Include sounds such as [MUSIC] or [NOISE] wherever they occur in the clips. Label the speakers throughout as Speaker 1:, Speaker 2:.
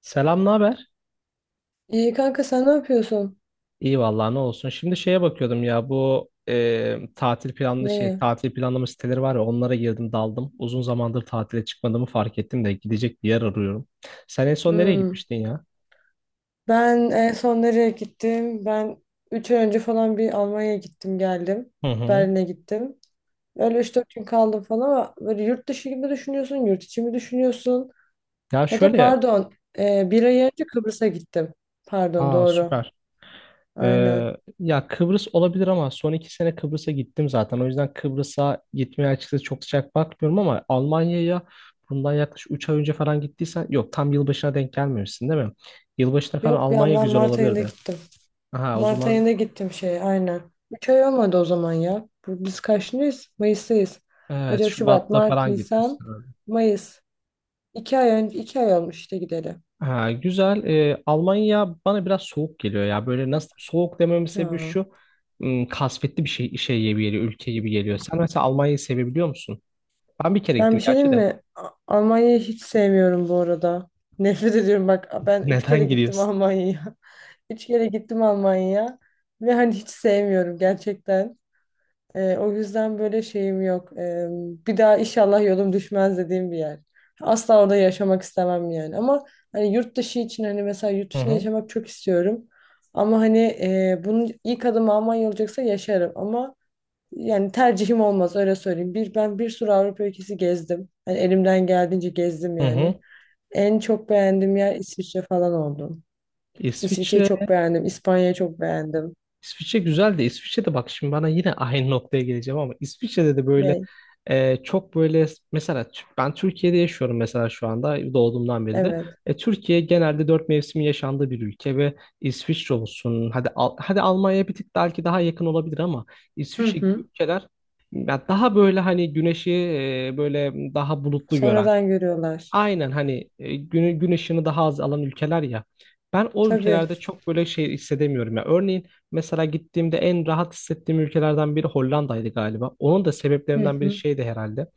Speaker 1: Selam, ne haber?
Speaker 2: İyi kanka, sen ne yapıyorsun?
Speaker 1: İyi vallahi ne olsun. Şimdi şeye bakıyordum ya bu tatil planlı şey
Speaker 2: Neyi?
Speaker 1: tatil planlama siteleri var ya onlara girdim daldım. Uzun zamandır tatile çıkmadığımı fark ettim de gidecek bir yer arıyorum. Sen en son nereye
Speaker 2: Hmm.
Speaker 1: gitmiştin ya?
Speaker 2: Ben en son nereye gittim? Üç ay önce falan bir Almanya'ya gittim geldim.
Speaker 1: Hı hı.
Speaker 2: Berlin'e gittim. Öyle üç dört gün kaldım falan. Ama böyle yurt dışı gibi düşünüyorsun, yurt içi mi düşünüyorsun?
Speaker 1: Ya
Speaker 2: Ya da
Speaker 1: şöyle,
Speaker 2: pardon, Bir ay önce Kıbrıs'a gittim. Pardon,
Speaker 1: aa
Speaker 2: doğru.
Speaker 1: süper.
Speaker 2: Aynen.
Speaker 1: Ya Kıbrıs olabilir ama son 2 sene Kıbrıs'a gittim zaten. O yüzden Kıbrıs'a gitmeye açıkçası çok sıcak bakmıyorum ama Almanya'ya bundan yaklaşık 3 ay önce falan gittiysen yok, tam yılbaşına denk gelmemişsin değil mi? Yılbaşına falan
Speaker 2: Yok ya,
Speaker 1: Almanya
Speaker 2: ben
Speaker 1: güzel
Speaker 2: Mart ayında
Speaker 1: olabilirdi.
Speaker 2: gittim.
Speaker 1: Aha, o
Speaker 2: Mart ayında
Speaker 1: zaman
Speaker 2: gittim şey aynen. 3 ay olmadı o zaman ya. Biz kaçtayız? Mayıs'tayız.
Speaker 1: evet,
Speaker 2: Ocak, Şubat,
Speaker 1: Şubat'ta
Speaker 2: Mart,
Speaker 1: falan
Speaker 2: Nisan,
Speaker 1: gitmişsin.
Speaker 2: Mayıs. İki ay önce, iki ay olmuş işte gideli.
Speaker 1: Ha, güzel. Almanya bana biraz soğuk geliyor ya. Böyle nasıl, soğuk dememin sebebi
Speaker 2: Ya.
Speaker 1: şu. Kasvetli bir şey, şey gibi geliyor, ülke gibi geliyor. Sen mesela Almanya'yı sevebiliyor musun? Ben bir kere
Speaker 2: Ben
Speaker 1: gittim
Speaker 2: bir şey
Speaker 1: gerçi
Speaker 2: diyeyim
Speaker 1: de.
Speaker 2: mi? Almanya'yı hiç sevmiyorum bu arada. [LAUGHS] Nefret ediyorum bak. Ben üç kere
Speaker 1: Neden
Speaker 2: gittim
Speaker 1: gidiyorsun?
Speaker 2: Almanya'ya. [LAUGHS] Üç kere gittim Almanya'ya. Ve hani hiç sevmiyorum gerçekten. O yüzden böyle şeyim yok. Bir daha inşallah yolum düşmez dediğim bir yer. Asla orada yaşamak istemem yani. Ama hani yurt dışı için, hani mesela yurt
Speaker 1: Hı
Speaker 2: dışında
Speaker 1: hı.
Speaker 2: yaşamak çok istiyorum. Ama hani bunun ilk adımı Almanya olacaksa yaşarım. Ama yani tercihim olmaz, öyle söyleyeyim. Bir, ben bir sürü Avrupa ülkesi gezdim. Hani elimden geldiğince gezdim
Speaker 1: Hı
Speaker 2: yani.
Speaker 1: hı.
Speaker 2: En çok beğendiğim yer İsviçre falan oldu. İsviçre'yi
Speaker 1: İsviçre
Speaker 2: çok beğendim. İspanya'yı çok beğendim.
Speaker 1: İsviçre güzel de İsviçre'de bak, şimdi bana yine aynı noktaya geleceğim ama İsviçre'de de böyle
Speaker 2: Ne?
Speaker 1: çok böyle mesela ben Türkiye'de yaşıyorum mesela şu anda, doğduğumdan beri de.
Speaker 2: Evet.
Speaker 1: Türkiye genelde 4 mevsimin yaşandığı bir ülke ve İsviçre olsun, hadi Almanya'ya bir tık belki daha yakın olabilir ama
Speaker 2: Hı
Speaker 1: İsviçre gibi
Speaker 2: hı.
Speaker 1: ülkeler ya daha böyle hani güneşi böyle daha bulutlu gören.
Speaker 2: Sonradan görüyorlar.
Speaker 1: Aynen, hani gün ışığını daha az alan ülkeler ya. Ben o
Speaker 2: Tabii.
Speaker 1: ülkelerde çok böyle şey hissedemiyorum ya. Örneğin mesela gittiğimde en rahat hissettiğim ülkelerden biri Hollanda'ydı galiba. Onun da
Speaker 2: Hı
Speaker 1: sebeplerinden biri
Speaker 2: hı.
Speaker 1: şeydi herhalde.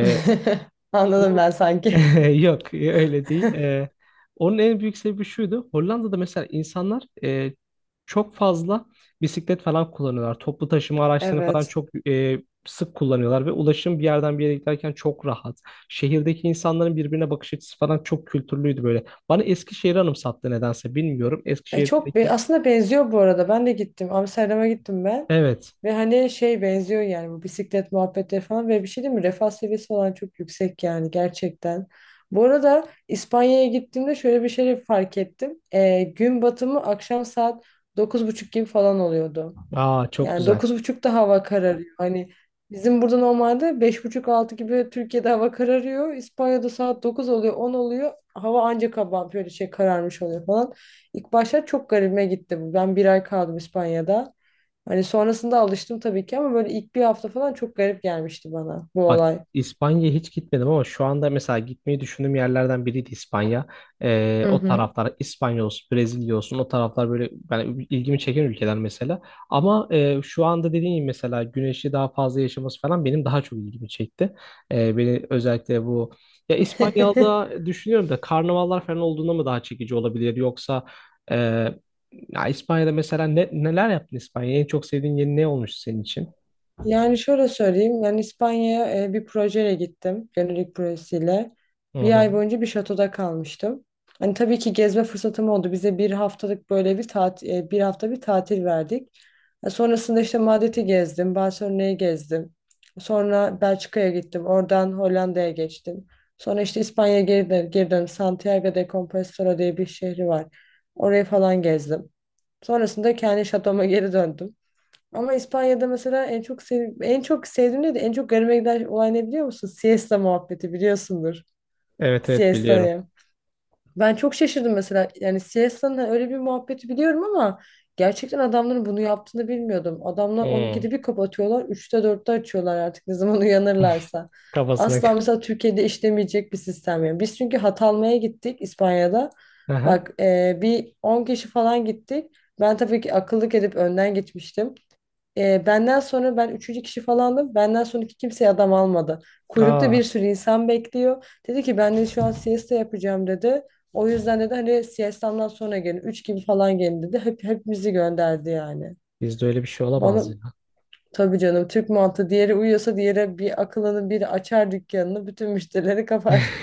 Speaker 2: [LAUGHS] Anladım ben
Speaker 1: Bu
Speaker 2: sanki.
Speaker 1: [LAUGHS] yok öyle değil.
Speaker 2: [LAUGHS]
Speaker 1: Onun en büyük sebebi şuydu. Hollanda'da mesela insanlar çok fazla bisiklet falan kullanıyorlar. Toplu taşıma araçlarını falan
Speaker 2: Evet.
Speaker 1: çok sık kullanıyorlar ve ulaşım bir yerden bir yere giderken çok rahat. Şehirdeki insanların birbirine bakış açısı falan çok kültürlüydü böyle. Bana Eskişehir'i anımsattı, nedense bilmiyorum.
Speaker 2: Çok
Speaker 1: Eskişehir'deki
Speaker 2: aslında benziyor bu arada. Ben de gittim. Amsterdam'a gittim ben.
Speaker 1: evet.
Speaker 2: Ve hani şey benziyor yani, bu bisiklet muhabbetleri falan. Ve bir şey değil mi? Refah seviyesi falan çok yüksek yani gerçekten. Bu arada İspanya'ya gittiğimde şöyle bir şey fark ettim. Gün batımı akşam saat dokuz buçuk gibi falan oluyordu.
Speaker 1: Aa, çok
Speaker 2: Yani
Speaker 1: güzel.
Speaker 2: 9:30'da hava kararıyor. Hani bizim burada normalde beş buçuk altı gibi Türkiye'de hava kararıyor. İspanya'da saat 9 oluyor, 10 oluyor. Hava ancak kabam böyle şey kararmış oluyor falan. İlk başta çok garibime gitti bu. Ben bir ay kaldım İspanya'da. Hani sonrasında alıştım tabii ki, ama böyle ilk bir hafta falan çok garip gelmişti bana bu
Speaker 1: Bak,
Speaker 2: olay.
Speaker 1: İspanya'ya hiç gitmedim ama şu anda mesela gitmeyi düşündüğüm yerlerden biriydi İspanya.
Speaker 2: Hı
Speaker 1: O
Speaker 2: hı.
Speaker 1: taraflar, İspanya olsun, Brezilya olsun, o taraflar böyle ben ilgimi çeken ülkeler mesela. Ama şu anda dediğim gibi mesela güneşi daha fazla yaşaması falan benim daha çok ilgimi çekti. Beni özellikle bu ya
Speaker 2: [LAUGHS]
Speaker 1: İspanya'da düşünüyorum da, karnavallar falan olduğunda mı daha çekici olabilir, yoksa e, ya İspanya'da mesela neler yaptın İspanya'ya? En çok sevdiğin yeri ne olmuştu senin için?
Speaker 2: Yani şöyle söyleyeyim. Ben İspanya'ya bir projeyle gittim. Gönüllülük projesiyle.
Speaker 1: Hı
Speaker 2: Bir
Speaker 1: hı.
Speaker 2: ay boyunca bir şatoda kalmıştım. Hani tabii ki gezme fırsatım oldu. Bize bir haftalık böyle bir tatil, bir hafta bir tatil verdik. E, Sonrasında işte Madrid'i gezdim, Barcelona'yı gezdim. Sonra Belçika'ya gittim. Oradan Hollanda'ya geçtim. Sonra işte İspanya'ya geri döndüm. Santiago de Compostela diye bir şehri var. Orayı falan gezdim. Sonrasında kendi şatoma geri döndüm. Ama İspanya'da mesela en çok sevdiğim değil de en çok garime giden olay ne biliyor musun? Siesta muhabbeti biliyorsundur.
Speaker 1: Evet, evet, biliyorum.
Speaker 2: Siesta'yı. Ben çok şaşırdım mesela. Yani siesta'nın hani öyle bir muhabbeti biliyorum, ama gerçekten adamların bunu yaptığını bilmiyordum. Adamlar
Speaker 1: Hı.
Speaker 2: 12'de bir kapatıyorlar, 3'te 4'te açıyorlar, artık ne zaman [LAUGHS] uyanırlarsa.
Speaker 1: Kafasına. [LAUGHS]
Speaker 2: Asla mesela Türkiye'de işlemeyecek bir sistem yani. Biz çünkü hat almaya gittik İspanya'da.
Speaker 1: Aha.
Speaker 2: Bak, e, bir 10 kişi falan gittik. Ben tabii ki akıllık edip önden gitmiştim. Ben üçüncü kişi falandım. Benden sonraki kimse adam almadı. Kuyrukta
Speaker 1: Aa,
Speaker 2: bir sürü insan bekliyor. Dedi ki ben de şu an siesta yapacağım dedi. O yüzden dedi hani siestamdan sonra gelin. Üç gibi falan gelin dedi. Hep, hepimizi gönderdi yani.
Speaker 1: bizde öyle bir şey
Speaker 2: Bana
Speaker 1: olamaz ya.
Speaker 2: tabii canım, Türk mantığı, diğeri uyuyorsa diğeri bir akılını biri açar dükkanını, bütün müşterileri kapar.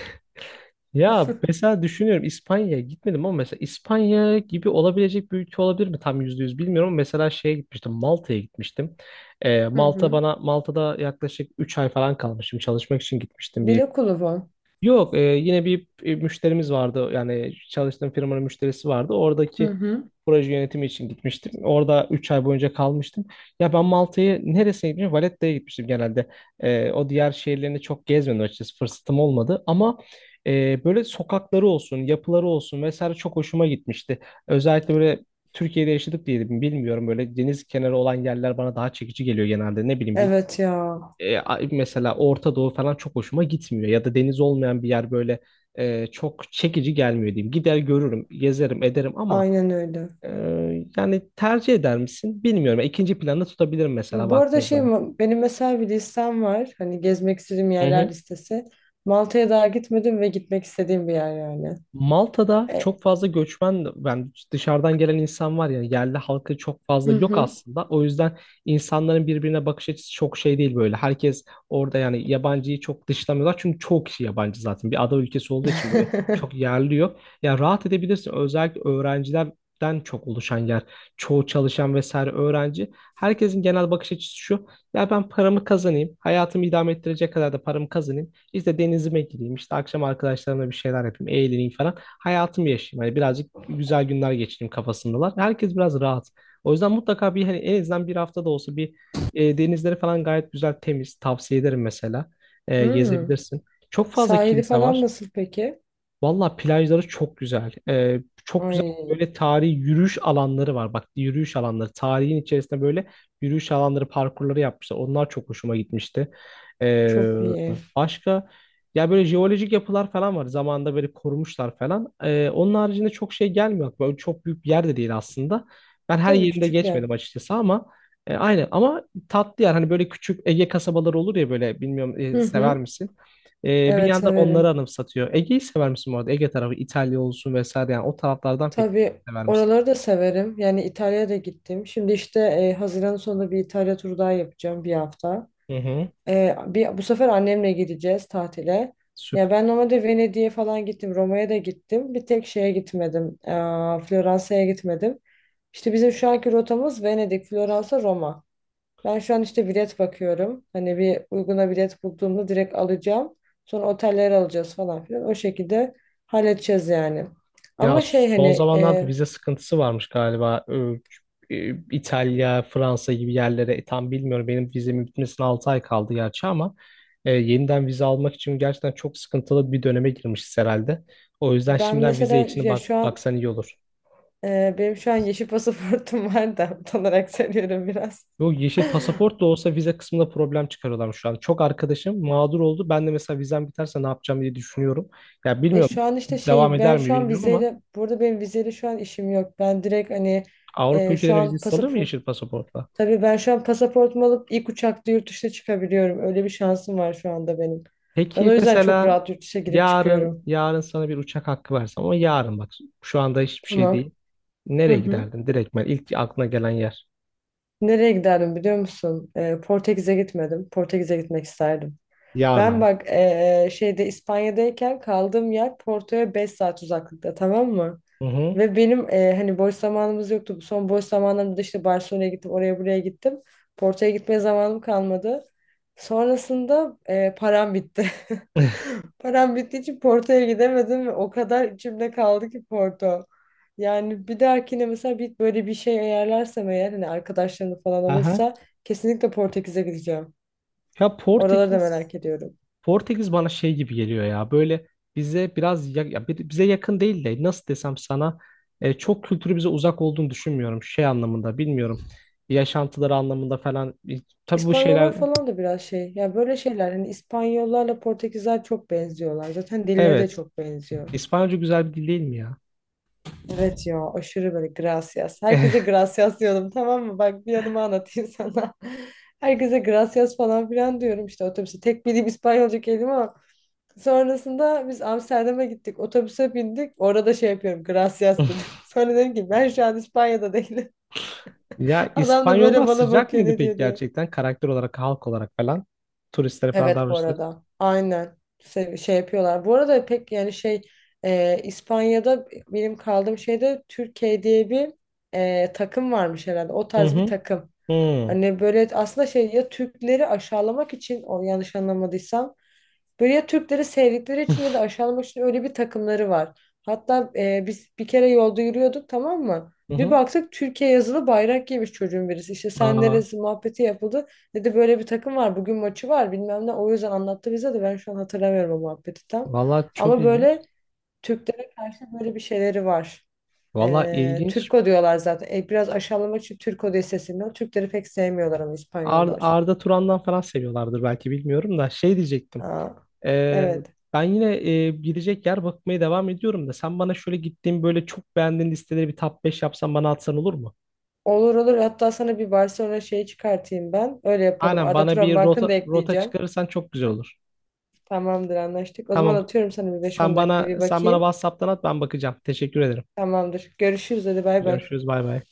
Speaker 1: Ya mesela düşünüyorum, İspanya'ya gitmedim ama mesela İspanya gibi olabilecek bir ülke olabilir mi? Tam %100 bilmiyorum ama mesela şeye gitmiştim, Malta'ya gitmiştim.
Speaker 2: Hı hı.
Speaker 1: Malta'da yaklaşık 3 ay falan kalmışım, çalışmak için gitmiştim bir.
Speaker 2: Dil okulu bu.
Speaker 1: Yok, yine bir müşterimiz vardı. Yani çalıştığım firmanın müşterisi vardı.
Speaker 2: Hı
Speaker 1: Oradaki
Speaker 2: hı.
Speaker 1: proje yönetimi için gitmiştim. Orada 3 ay boyunca kalmıştım. Ya ben Malta'yı neresine gitmiştim? Valetta'ya gitmiştim genelde. O diğer şehirlerini çok gezmedim açıkçası. Fırsatım olmadı. Ama böyle sokakları olsun, yapıları olsun vesaire çok hoşuma gitmişti. Özellikle böyle Türkiye'de yaşadık diye de bilmiyorum. Böyle deniz kenarı olan yerler bana daha çekici geliyor genelde. Ne bileyim,
Speaker 2: Evet ya.
Speaker 1: mesela Orta Doğu falan çok hoşuma gitmiyor. Ya da deniz olmayan bir yer böyle çok çekici gelmiyor diyeyim. Gider görürüm, gezerim, ederim ama
Speaker 2: Aynen öyle.
Speaker 1: e, yani tercih eder misin bilmiyorum. İkinci planda tutabilirim mesela
Speaker 2: Bu
Speaker 1: baktığın
Speaker 2: arada
Speaker 1: zaman.
Speaker 2: benim mesela bir listem var. Hani gezmek istediğim
Speaker 1: Hı
Speaker 2: yerler
Speaker 1: hı.
Speaker 2: listesi. Malta'ya daha gitmedim ve gitmek istediğim bir yer yani.
Speaker 1: Malta'da
Speaker 2: E,
Speaker 1: çok fazla göçmen, yani dışarıdan gelen insan var ya, yerli halkı çok fazla
Speaker 2: hı
Speaker 1: yok
Speaker 2: hı.
Speaker 1: aslında. O yüzden insanların birbirine bakış açısı çok şey değil böyle. Herkes orada yani yabancıyı çok dışlamıyorlar. Çünkü çoğu kişi yabancı zaten. Bir ada ülkesi olduğu için böyle çok
Speaker 2: [LAUGHS]
Speaker 1: yerli yok. Ya rahat edebilirsin. Özellikle öğrencilerden çok oluşan yer. Çoğu çalışan vesaire öğrenci. Herkesin genel bakış açısı şu. Ya ben paramı kazanayım. Hayatımı idame ettirecek kadar da paramı kazanayım. İşte denizime gireyim, işte akşam arkadaşlarımla bir şeyler yapayım, eğleneyim falan. Hayatımı yaşayayım. Hani birazcık güzel günler geçireyim kafasındalar. Herkes biraz rahat. O yüzden mutlaka bir, hani en azından bir hafta da olsa bir denizleri falan gayet güzel temiz. Tavsiye ederim mesela.
Speaker 2: Hmm.
Speaker 1: Gezebilirsin. Çok fazla
Speaker 2: Sahili
Speaker 1: kilise
Speaker 2: falan
Speaker 1: var.
Speaker 2: nasıl peki?
Speaker 1: Valla plajları çok güzel. Çok güzel
Speaker 2: Ay,
Speaker 1: böyle tarihi yürüyüş alanları var. Bak, yürüyüş alanları. Tarihin içerisinde böyle yürüyüş alanları, parkurları yapmışlar. Onlar çok hoşuma gitmişti. Ee,
Speaker 2: çok iyi.
Speaker 1: Başka ya böyle jeolojik yapılar falan var. Zamanında böyle korumuşlar falan. Onun haricinde çok şey gelmiyor. Böyle çok büyük bir yer de değil aslında. Ben her
Speaker 2: Tabii,
Speaker 1: yerinde
Speaker 2: küçük yer.
Speaker 1: geçmedim açıkçası ama aynı ama tatlı yer. Hani böyle küçük Ege kasabaları olur ya, böyle bilmiyorum,
Speaker 2: Hı
Speaker 1: sever
Speaker 2: hı.
Speaker 1: misin? Bir
Speaker 2: Evet
Speaker 1: yandan onları
Speaker 2: severim.
Speaker 1: anımsatıyor. Ege'yi sever misin bu arada? Ege tarafı, İtalya olsun vesaire, yani o taraflardan pek
Speaker 2: Tabii
Speaker 1: sever misin?
Speaker 2: oraları da severim. Yani İtalya'ya da gittim. Şimdi işte Haziran sonunda bir İtalya turu daha yapacağım, bir hafta.
Speaker 1: Hı hı.
Speaker 2: Bu sefer annemle gideceğiz tatile. Ya
Speaker 1: Süper.
Speaker 2: ben normalde Venedik'e falan gittim, Roma'ya da gittim. Bir tek şeye gitmedim, Floransa'ya gitmedim. İşte bizim şu anki rotamız Venedik, Floransa, Roma. Ben şu an işte bilet bakıyorum. Hani bir uyguna bilet bulduğumda direkt alacağım. Sonra oteller alacağız falan filan. O şekilde halledeceğiz yani.
Speaker 1: Ya
Speaker 2: Ama şey
Speaker 1: son
Speaker 2: hani
Speaker 1: zamanlarda
Speaker 2: e,
Speaker 1: vize sıkıntısı varmış galiba. İtalya, Fransa gibi yerlere tam bilmiyorum. Benim vizemin bitmesine 6 ay kaldı gerçi ama yeniden vize almak için gerçekten çok sıkıntılı bir döneme girmişiz herhalde. O yüzden
Speaker 2: ben
Speaker 1: şimdiden vize
Speaker 2: mesela
Speaker 1: için
Speaker 2: ya
Speaker 1: bak,
Speaker 2: şu an
Speaker 1: baksan iyi olur.
Speaker 2: e, Benim şu an yeşil pasaportum [LAUGHS] var da utanarak söylüyorum biraz.
Speaker 1: Yok, yeşil
Speaker 2: [LAUGHS]
Speaker 1: pasaport da olsa vize kısmında problem çıkarıyorlar şu an. Çok arkadaşım mağdur oldu. Ben de mesela vizem biterse ne yapacağım diye düşünüyorum. Ya
Speaker 2: E şu
Speaker 1: bilmiyorum,
Speaker 2: an işte
Speaker 1: devam
Speaker 2: şey ben
Speaker 1: eder mi
Speaker 2: şu an
Speaker 1: bilmiyorum ama
Speaker 2: vizeyle burada Benim vizeyle şu an işim yok. Ben direkt hani
Speaker 1: Avrupa
Speaker 2: e, şu
Speaker 1: ülkelerine
Speaker 2: an
Speaker 1: vizesi alıyor mu
Speaker 2: pasaport
Speaker 1: yeşil pasaportla?
Speaker 2: Tabii ben şu an pasaportumu alıp ilk uçakta yurt dışına çıkabiliyorum. Öyle bir şansım var şu anda benim. Ben o
Speaker 1: Peki
Speaker 2: yüzden çok
Speaker 1: mesela
Speaker 2: rahat yurt dışına girip
Speaker 1: yarın,
Speaker 2: çıkıyorum.
Speaker 1: yarın sana bir uçak hakkı versem ama yarın bak, şu anda hiçbir şey
Speaker 2: Tamam.
Speaker 1: değil.
Speaker 2: Hı
Speaker 1: Nereye
Speaker 2: hı.
Speaker 1: giderdin? Direkt ben, ilk aklına gelen yer.
Speaker 2: Nereye giderdim biliyor musun? Portekiz'e gitmedim. Portekiz'e gitmek isterdim.
Speaker 1: Yarın
Speaker 2: Ben
Speaker 1: ama.
Speaker 2: bak, e, e, şeyde İspanya'dayken kaldığım yer Porto'ya 5 saat uzaklıkta, tamam mı?
Speaker 1: Hı hı.
Speaker 2: Ve benim hani boş zamanımız yoktu. Bu son boş zamanlarımda da işte Barcelona'ya gittim, oraya buraya gittim. Porto'ya gitmeye zamanım kalmadı. Sonrasında param bitti.
Speaker 1: [LAUGHS]
Speaker 2: [LAUGHS] Param bittiği için Porto'ya gidemedim ve o kadar içimde kaldı ki Porto. Yani bir dahakine mesela bir böyle bir şey ayarlarsam eğer, hani arkadaşlarım falan
Speaker 1: Aha.
Speaker 2: olursa kesinlikle Portekiz'e gideceğim.
Speaker 1: Ya
Speaker 2: Oraları da
Speaker 1: Portekiz
Speaker 2: merak ediyorum.
Speaker 1: Portekiz bana şey gibi geliyor ya, böyle bize biraz, ya bize yakın değil de nasıl desem sana, çok kültürü bize uzak olduğunu düşünmüyorum şey anlamında, bilmiyorum yaşantıları anlamında falan. Tabii bu
Speaker 2: İspanyollar
Speaker 1: şeyler
Speaker 2: falan da biraz şey. Ya böyle şeyler, hani İspanyollarla Portekizler çok benziyorlar. Zaten dilleri de
Speaker 1: evet.
Speaker 2: çok benziyor.
Speaker 1: İspanyolca güzel bir dil değil mi ya?
Speaker 2: Evet ya, aşırı böyle gracias. Herkese
Speaker 1: [LAUGHS]
Speaker 2: gracias diyordum, tamam mı? Bak, bir yanıma anlatayım sana. [LAUGHS] Herkese gracias falan filan diyorum işte otobüse. Tek bildiğim İspanyolca kelime o. Sonrasında biz Amsterdam'a gittik. Otobüse bindik. Orada şey yapıyorum. Gracias dedim. [LAUGHS] Sonra dedim ki ben şu an İspanya'da değilim.
Speaker 1: Ya
Speaker 2: [LAUGHS] Adam da böyle
Speaker 1: İspanyollar
Speaker 2: bana
Speaker 1: sıcak
Speaker 2: bakıyor
Speaker 1: mıydı
Speaker 2: ne
Speaker 1: peki
Speaker 2: diyor diye.
Speaker 1: gerçekten, karakter olarak, halk olarak falan turistlere falan
Speaker 2: Evet bu
Speaker 1: davranışları?
Speaker 2: arada. Aynen. Şey, yapıyorlar. Bu arada pek yani şey, İspanya'da benim kaldığım şeyde Türkiye diye bir takım varmış herhalde. O
Speaker 1: Hı
Speaker 2: tarz bir
Speaker 1: hı.
Speaker 2: takım.
Speaker 1: Hı.
Speaker 2: Hani böyle aslında şey, ya Türkleri aşağılamak için, o yanlış anlamadıysam. Böyle ya Türkleri sevdikleri için ya da aşağılamak için öyle bir takımları var. Hatta biz bir kere yolda yürüyorduk, tamam mı?
Speaker 1: Hı
Speaker 2: Bir
Speaker 1: hı.
Speaker 2: baktık Türkiye yazılı bayrak giymiş çocuğun birisi. İşte sen
Speaker 1: Aa,
Speaker 2: neresi muhabbeti yapıldı. Dedi böyle bir takım var, bugün maçı var, bilmem ne. O yüzden anlattı bize de, ben şu an hatırlamıyorum o muhabbeti tam.
Speaker 1: valla çok
Speaker 2: Ama
Speaker 1: ilginç.
Speaker 2: böyle Türklere karşı böyle bir şeyleri var.
Speaker 1: Valla ilginç.
Speaker 2: Türko diyorlar zaten. Biraz aşağılamak için Türko diye sesleniyor. Türkleri pek sevmiyorlar ama İspanyollar.
Speaker 1: Arda Turan'dan falan seviyorlardır belki, bilmiyorum da şey diyecektim.
Speaker 2: Aa,
Speaker 1: Ee,
Speaker 2: evet.
Speaker 1: Ben yine gidecek yer bakmaya devam ediyorum da sen bana şöyle gittiğim böyle çok beğendiğin listeleri bir top 5 yapsan bana atsan olur mu?
Speaker 2: Olur olur. Hatta sana bir Barcelona şeyi çıkartayım ben. Öyle yapalım.
Speaker 1: Aynen,
Speaker 2: Arda
Speaker 1: bana
Speaker 2: Turan
Speaker 1: bir
Speaker 2: Bank'ını
Speaker 1: rota
Speaker 2: da
Speaker 1: rota
Speaker 2: ekleyeceğim.
Speaker 1: çıkarırsan çok güzel olur.
Speaker 2: Tamamdır, anlaştık. O zaman
Speaker 1: Tamam.
Speaker 2: atıyorum sana, bir beş
Speaker 1: Sen
Speaker 2: on
Speaker 1: bana
Speaker 2: dakikaya bir
Speaker 1: sen bana
Speaker 2: bakayım.
Speaker 1: WhatsApp'tan at, ben bakacağım. Teşekkür ederim.
Speaker 2: Tamamdır. Görüşürüz, hadi bay bay.
Speaker 1: Görüşürüz bay bay.